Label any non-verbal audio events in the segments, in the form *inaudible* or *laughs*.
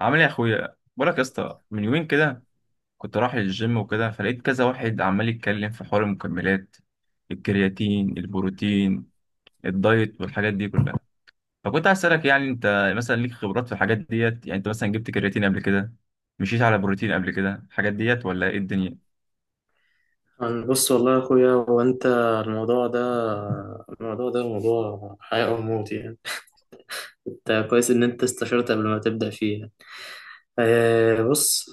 عامل ايه يا اخويا؟ بقولك يا اسطى، من يومين كده كنت رايح الجيم وكده، فلقيت كذا واحد عمال يتكلم في حوار المكملات، الكرياتين، البروتين، الدايت والحاجات دي كلها. فكنت عايز اسالك، يعني انت مثلا ليك خبرات في الحاجات ديت؟ يعني انت مثلا جبت كرياتين قبل كده؟ مشيت على بروتين قبل كده؟ الحاجات ديت ولا ايه الدنيا؟ أنا بص والله يا اخويا هو انت. الموضوع ده الموضوع ده موضوع حياة او موت يعني. انت كويس ان انت استشرت قبل ما تبدأ فيها. بص،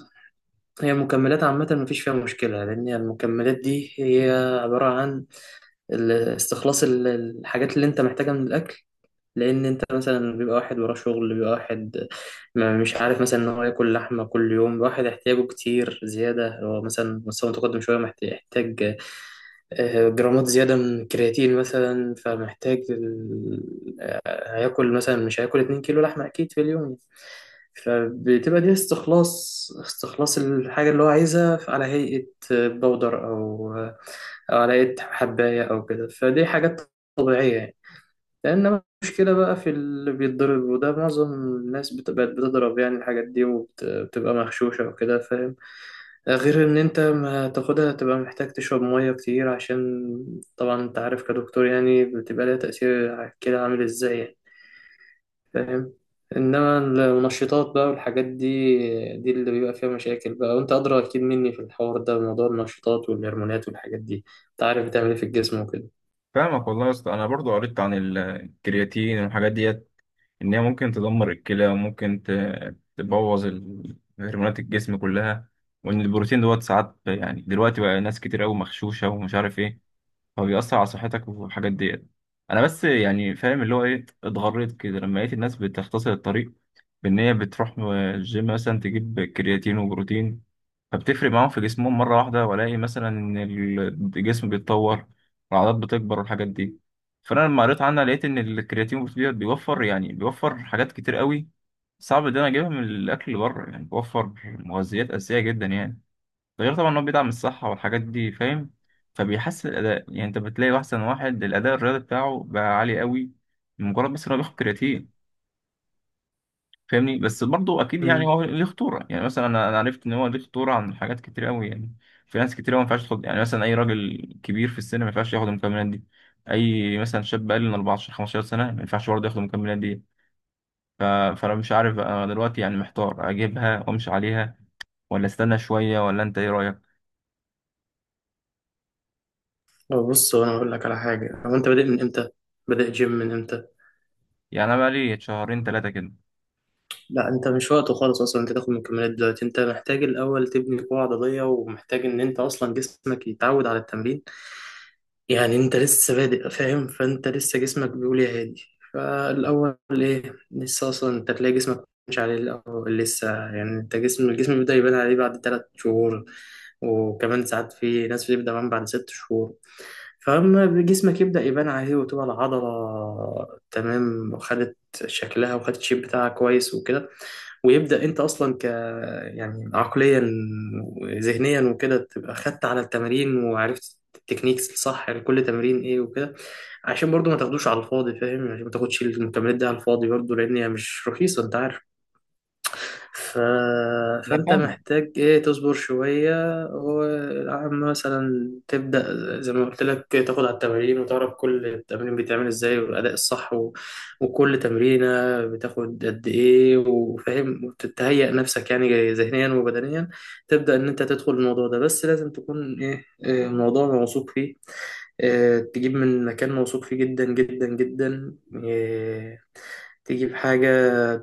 هي المكملات عامة مفيش فيها مشكلة، لأن المكملات دي هي عبارة عن استخلاص الحاجات اللي أنت محتاجها من الأكل. لان انت مثلا بيبقى واحد وراه شغل، بيبقى واحد ما مش عارف مثلا ان هو ياكل لحمه كل يوم، واحد احتياجه كتير زياده، هو مثلا مستوى متقدم شويه، محتاج جرامات زياده من الكرياتين مثلا، فمحتاج هياكل مثلا، مش هياكل 2 كيلو لحمه اكيد في اليوم. فبتبقى دي استخلاص الحاجه اللي هو عايزها على هيئه بودر او او على هيئه حبايه او كده، فدي حاجات طبيعيه يعني. لأن مشكلة بقى في اللي بيتضرب، وده معظم الناس بقت بتضرب يعني الحاجات دي، وبتبقى مغشوشة وكده، فاهم؟ غير إن أنت ما تاخدها، تبقى محتاج تشرب مية كتير، عشان طبعا أنت عارف كدكتور يعني بتبقى لها تأثير على الكلى عامل إزاي يعني، فاهم؟ إنما المنشطات بقى والحاجات دي، دي اللي بيبقى فيها مشاكل بقى، وأنت أدرى أكيد مني في الحوار ده، موضوع النشطات والهرمونات والحاجات دي أنت عارف بتعمل إيه في الجسم وكده. فاهمك والله يا اسطى، انا برضو قريت عن الكرياتين والحاجات ديت، إن هي ممكن تدمر الكلى وممكن تبوظ هرمونات الجسم كلها، وإن البروتين دوت ساعات يعني دلوقتي بقى ناس كتير أوي مغشوشة ومش عارف إيه، فبيأثر على صحتك والحاجات ديت. أنا بس يعني فاهم اللي هو إيه، اتغريت كده لما لقيت الناس بتختصر الطريق، بإن هي بتروح الجيم مثلا تجيب كرياتين وبروتين، فبتفرق معاهم في جسمهم مرة واحدة، وألاقي مثلا إن الجسم بيتطور، العضلات بتكبر والحاجات دي. فأنا لما قريت عنها لقيت إن الكرياتين بروتين بيوفر، يعني بيوفر حاجات كتير قوي صعب إن أنا أجيبها من الأكل اللي بره، يعني بيوفر مغذيات أساسية جدا يعني. ده غير طبعا إن هو بيدعم الصحة والحاجات دي، فاهم؟ فبيحسن الأداء، يعني أنت بتلاقي أحسن واحد الأداء الرياضي بتاعه بقى عالي قوي مجرد بس إن هو بياخد كرياتين. فاهمني؟ بس برضه اكيد يعني هو ليه خطوره، يعني مثلا أنا عرفت ان هو ليه خطوره عن حاجات كتير قوي يعني. في ناس كتير قوي ما ينفعش تاخد، يعني مثلا اي راجل كبير في السن ما ينفعش ياخد المكملات دي، اي مثلا شاب اقل من 14 15 سنه ما ينفعش برضه ياخد المكملات دي. ف... فانا مش عارف انا دلوقتي، يعني محتار اجيبها وامشي عليها، ولا استنى شويه، ولا انت ايه رايك؟ هو بص، هو انا اقول لك على حاجه، هو انت بادئ من امتى؟ بادئ جيم من امتى؟ يعني انا بقى لي شهرين ثلاثه كده. لا انت مش وقته خالص اصلا انت تاخد مكملات دلوقتي. انت محتاج الاول تبني قوه عضليه، ومحتاج ان انت اصلا جسمك يتعود على التمرين. يعني انت لسه بادئ فاهم، فانت لسه جسمك بيقول يا هادي. فالاول ايه، لسه اصلا انت تلاقي جسمك مش عليه الاول، لسه يعني انت الجسم بيبدا يبان عليه بعد ثلاث شهور، وكمان ساعات في ناس بتبدا كمان بعد ست شهور. فاما جسمك يبدا يبان عليه، وتبقى العضله تمام، وخدت شكلها، وخدت الشيب بتاعها كويس وكده، ويبدأ انت اصلا يعني عقليا وذهنيا وكده تبقى خدت على التمارين، وعرفت التكنيكس الصح لكل تمرين ايه وكده. عشان برضو ما تاخدوش على الفاضي، فاهم؟ عشان ما تاخدش المكملات دي على الفاضي برضو، لان هي مش رخيصة، انت عارف. ف... انا فانت فاهمك. محتاج ايه، تصبر شوية، وعم مثلا تبدأ زي ما قلت لك، تاخد على التمارين وتعرف كل تمرين بيتعمل ازاي، والأداء الصح، وكل تمرينة بتاخد قد ايه، وفاهم، وتتهيأ نفسك يعني ذهنيا وبدنيا، تبدأ ان انت تدخل الموضوع ده. بس لازم تكون ايه، الموضوع موثوق فيه. تجيب من مكان موثوق فيه جدا جدا جدا. آه، تجيب حاجة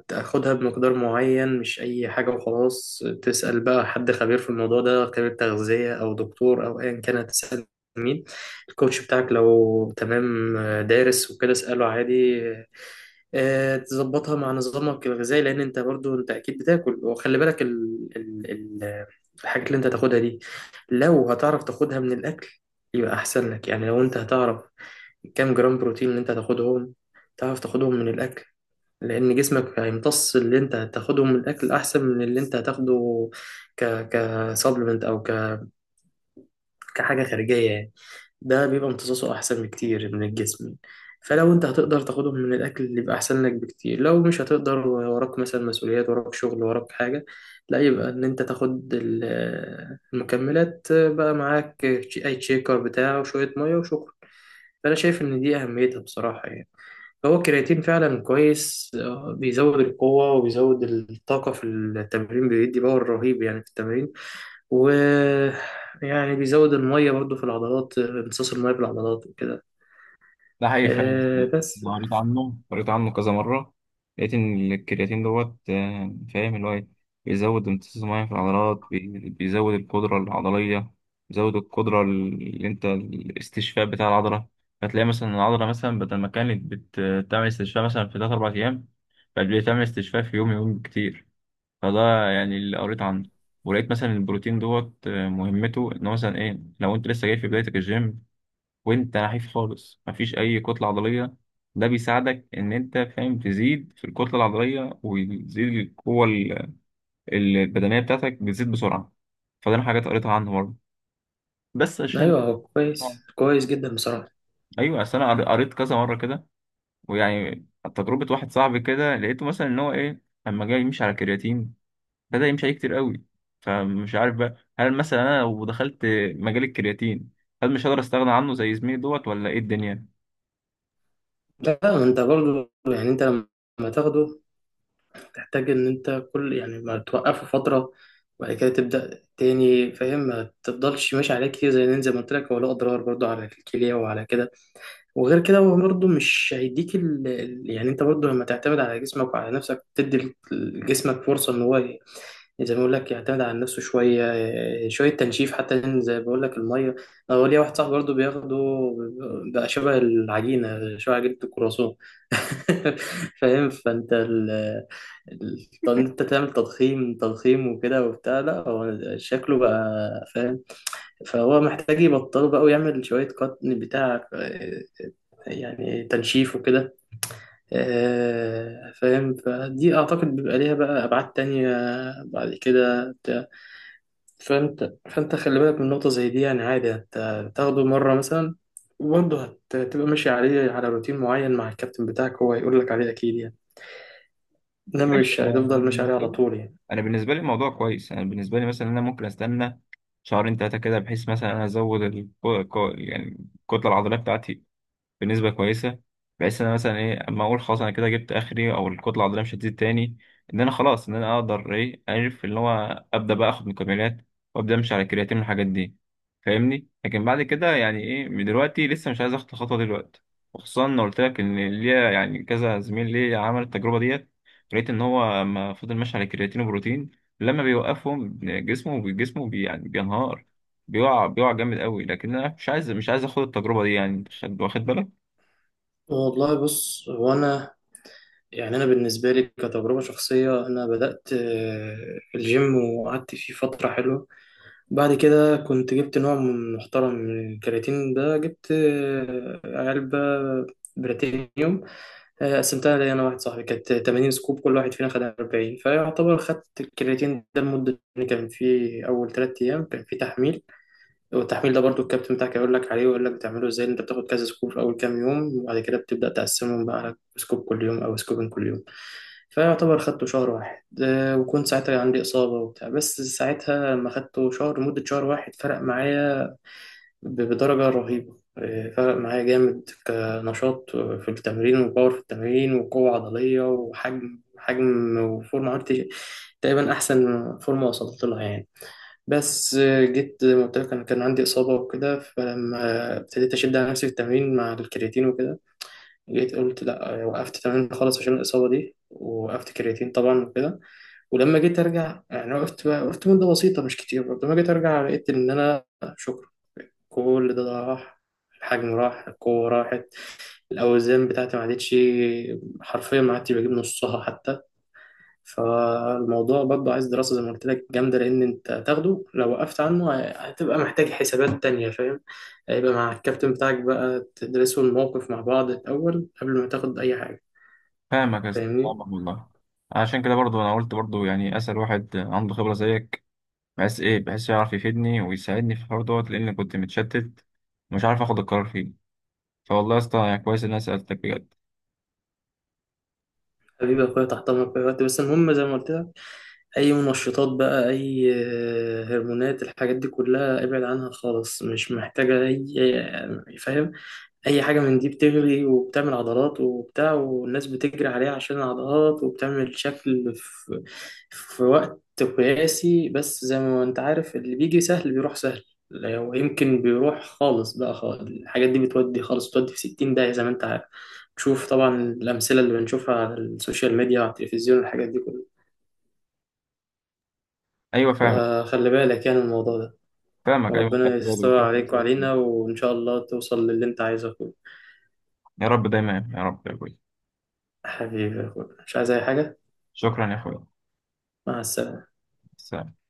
تاخدها بمقدار معين، مش أي حاجة وخلاص. تسأل بقى حد خبير في الموضوع ده، خبير تغذية أو دكتور أو أيا كان. هتسأل مين؟ الكوتش بتاعك لو تمام دارس وكده اسأله عادي. تظبطها مع نظامك الغذائي، لأن أنت برضو أنت أكيد بتاكل. وخلي بالك ال الحاجات اللي أنت تاخدها دي، لو هتعرف تاخدها من الأكل يبقى أحسن لك. يعني لو أنت هتعرف كام جرام بروتين اللي أنت هتاخدهم، تعرف تاخدهم من الأكل، لأن جسمك هيمتص اللي أنت هتاخدهم من الأكل أحسن من اللي أنت هتاخده كسبلمنت أو كحاجة خارجية يعني. ده بيبقى امتصاصه أحسن بكتير من الجسم. فلو أنت هتقدر تاخدهم من الأكل، اللي يبقى أحسن لك بكتير. لو مش هتقدر، وراك مثلا مسؤوليات، وراك شغل، وراك حاجة، لا يبقى إن أنت تاخد المكملات بقى معاك، أي تشيكر بتاعه وشوية مية وشكرا. فأنا شايف إن دي أهميتها بصراحة يعني. هو الكرياتين فعلا كويس، بيزود القوة، وبيزود الطاقة في التمرين، بيدي باور رهيب يعني في التمرين. و يعني بيزود المية برضو في العضلات، امتصاص المية في العضلات وكده. ده حقيقي فعلا. آه، بس أنا قريت عنه، كذا مرة، لقيت إن الكرياتين دوت آه، فاهم اللي هو إيه؟ بيزود امتصاص المياه في العضلات، بيزود القدرة العضلية، بيزود القدرة اللي أنت الاستشفاء بتاع العضلة. هتلاقي مثلا العضلة مثلا بدل ما كانت بتعمل استشفاء مثلا في تلات أربع أيام، بقت بتعمل استشفاء في يوم، يوم كتير. فده يعني اللي قريت عنه. ولقيت مثلا البروتين دوت آه، مهمته إن هو مثلا إيه، لو أنت لسه جاي في بدايتك الجيم وانت نحيف خالص مفيش اي كتله عضليه، ده بيساعدك ان انت، فاهم، تزيد في الكتله العضليه وتزيد القوه البدنيه بتاعتك بتزيد بسرعه. فده انا حاجات قريتها عنه برضه، بس عشان، أيوه هو كويس كويس جدا بصراحة. ايوه، اصل انا قريت كذا مره كده ويعني تجربه واحد صاحبي كده، لقيته مثلا ان هو ايه لما جاي يمشي على كرياتين، بدا يمشي عليه كتير قوي. فمش عارف بقى، هل مثلا انا لو دخلت مجال الكرياتين هل مش هقدر استغنى عنه زي زميلي دوت، ولا ايه الدنيا؟ لا أنت برضو يعني أنت لما تاخده، تحتاج إن أنت كل يعني ما توقفه فترة وبعد كده تبدأ تاني، فاهم؟ ما تفضلش ماشي عليه كتير زي نين، زي ما قلت لك هو له أضرار برضو على الكلية وعلى كده. وغير كده هو برضو مش هيديك يعني أنت برضو لما تعتمد على جسمك وعلى نفسك، تدي لجسمك فرصة إن هو زي ما بقول لك يعتمد على نفسه شويه، شويه تنشيف حتى، لأن زي ما بقول لك الميه، انا ليا واحد صاحبي برضه بياخده، بقى شبه العجينه، شبه عجينه الكرواسون. *laughs* فاهم، فانت طب انت تعمل تضخيم وكده وبتاع، لا هو شكله بقى فاهم، فهو محتاج يبطله بقى ويعمل شويه قط، بتاع يعني تنشيف وكده. فاهم، فدي اعتقد بيبقى ليها بقى ابعاد تانية بعد كده. فانت خلي بالك من نقطة زي دي. يعني عادي انت تاخده مرة مثلا، وبرضه هتبقى ماشي عليه على روتين معين مع الكابتن بتاعك، هو هيقول لك عليه اكيد يعني. انما ماشي مش آه، هتفضل ماشي عليه على طول يعني. أنا بالنسبة لي الموضوع كويس. أنا بالنسبة لي مثلا أنا ممكن أستنى شهرين تلاتة كده، بحيث مثلا أنا أزود يعني الكتلة العضلية بتاعتي بنسبة كويسة، بحيث إن أنا مثلا إيه أما أقول خلاص أنا كده جبت آخري، أو الكتلة العضلية مش هتزيد تاني، إن أنا خلاص، إن أنا أقدر إيه أعرف إن هو أبدأ بقى آخد مكملات وأبدأ أمشي على الكرياتين والحاجات دي. فاهمني؟ لكن بعد كده يعني إيه، من دلوقتي لسه مش عايز آخد الخطوة دلوقتي، وخصوصا إن قلت لك إن ليا يعني كذا زميل ليا عمل التجربة ديت، لقيت إن هو لما فضل ماشي على الكرياتين وبروتين، لما بيوقفهم جسمه بي يعني بينهار، بيقع جامد قوي. لكن انا مش عايز اخد التجربه دي يعني، أنت واخد بالك؟ والله بص، هو انا يعني انا بالنسبة لي كتجربة شخصية، انا بدأت الجيم وقعدت فيه فترة حلوة، بعد كده كنت جبت نوع محترم من الكرياتين، ده جبت علبة بريتينيوم، قسمتها لي انا واحد صاحبي، كانت 80 سكوب، كل واحد فينا خد 40. فيعتبر خدت الكرياتين ده لمده، إن كان في اول ثلاث ايام كان في تحميل، والتحميل ده برضو الكابتن بتاعك يقول لك عليه ويقول لك بتعمله ازاي، انت بتاخد كذا سكوب في اول كام يوم، وبعد كده بتبدا تقسمهم بقى على سكوب كل يوم او سكوبين كل يوم. فيعتبر خدته شهر واحد، وكنت ساعتها عندي اصابه وبتاع، بس ساعتها لما خدته شهر، مده شهر واحد، فرق معايا بدرجة رهيبة. فرق معايا جامد، كنشاط في التمرين، وباور في التمرين، وقوة عضلية، وحجم، وفورمة، عملت تقريبا أحسن فورمة وصلت لها يعني. بس جيت زي ما قلت لك أنا كان عندي إصابة وكده، فلما ابتديت أشد على نفسي في التمرين مع الكرياتين وكده، جيت قلت لأ. وقفت تمرين خالص عشان الإصابة دي، وقفت كرياتين طبعا وكده. ولما جيت أرجع يعني، وقفت وقفت مدة بسيطة مش كتير برضه، لما جيت أرجع لقيت إن أنا شكرا كل ده راح. الحجم راح، القوة راحت، الأوزان بتاعتي ما عادتش، حرفيا ما عادتش بجيب نصها حتى. فالموضوع برضه عايز دراسة زي ما قلت لك جامدة، لأن أنت تاخده لو وقفت عنه هتبقى محتاج حسابات تانية، فاهم؟ هيبقى مع الكابتن بتاعك بقى تدرسوا الموقف مع بعض الأول قبل ما تاخد أي حاجة، فاهمك يا اسطى، فاهمني. فاهمك والله. عشان كده برضو انا قلت برضو يعني اسال واحد عنده خبره زيك، بحيث ايه، بحيث يعرف يفيدني ويساعدني في الحوار دوت، لان كنت متشتت ومش عارف اخد القرار فيه. فوالله يا اسطى يعني كويس ان انا سالتك بجد. حبيبي يا أخويا تحت أمرك في أي وقت. بس المهم زي ما قلت لك، اي منشطات بقى، اي هرمونات، الحاجات دي كلها ابعد عنها خالص. مش محتاجة اي فاهم، اي حاجة من دي بتغلي وبتعمل عضلات وبتاع، والناس بتجري عليها عشان العضلات، وبتعمل شكل في في وقت قياسي، بس زي ما انت عارف اللي بيجي سهل بيروح سهل. لو يمكن بيروح خالص بقى خالص. الحاجات دي بتودي خالص، بتودي في 60 داهية زي ما انت عارف، تشوف طبعا الأمثلة اللي بنشوفها على السوشيال ميديا وعلى التلفزيون والحاجات دي كلها. ايوه فاهمك، فخلي بالك يعني من الموضوع ده. فاهمك، ايوه وربنا خدت بالي، يستر وشكراً عليك لسألتني. وعلينا، وإن شاء الله توصل للي أنت عايزه يا أخويا. يا رب دايما، يا رب يا ابوي. حبيبي يا أخويا، مش عايز أي حاجة. شكرا يا اخويا. مع السلامة. سلام.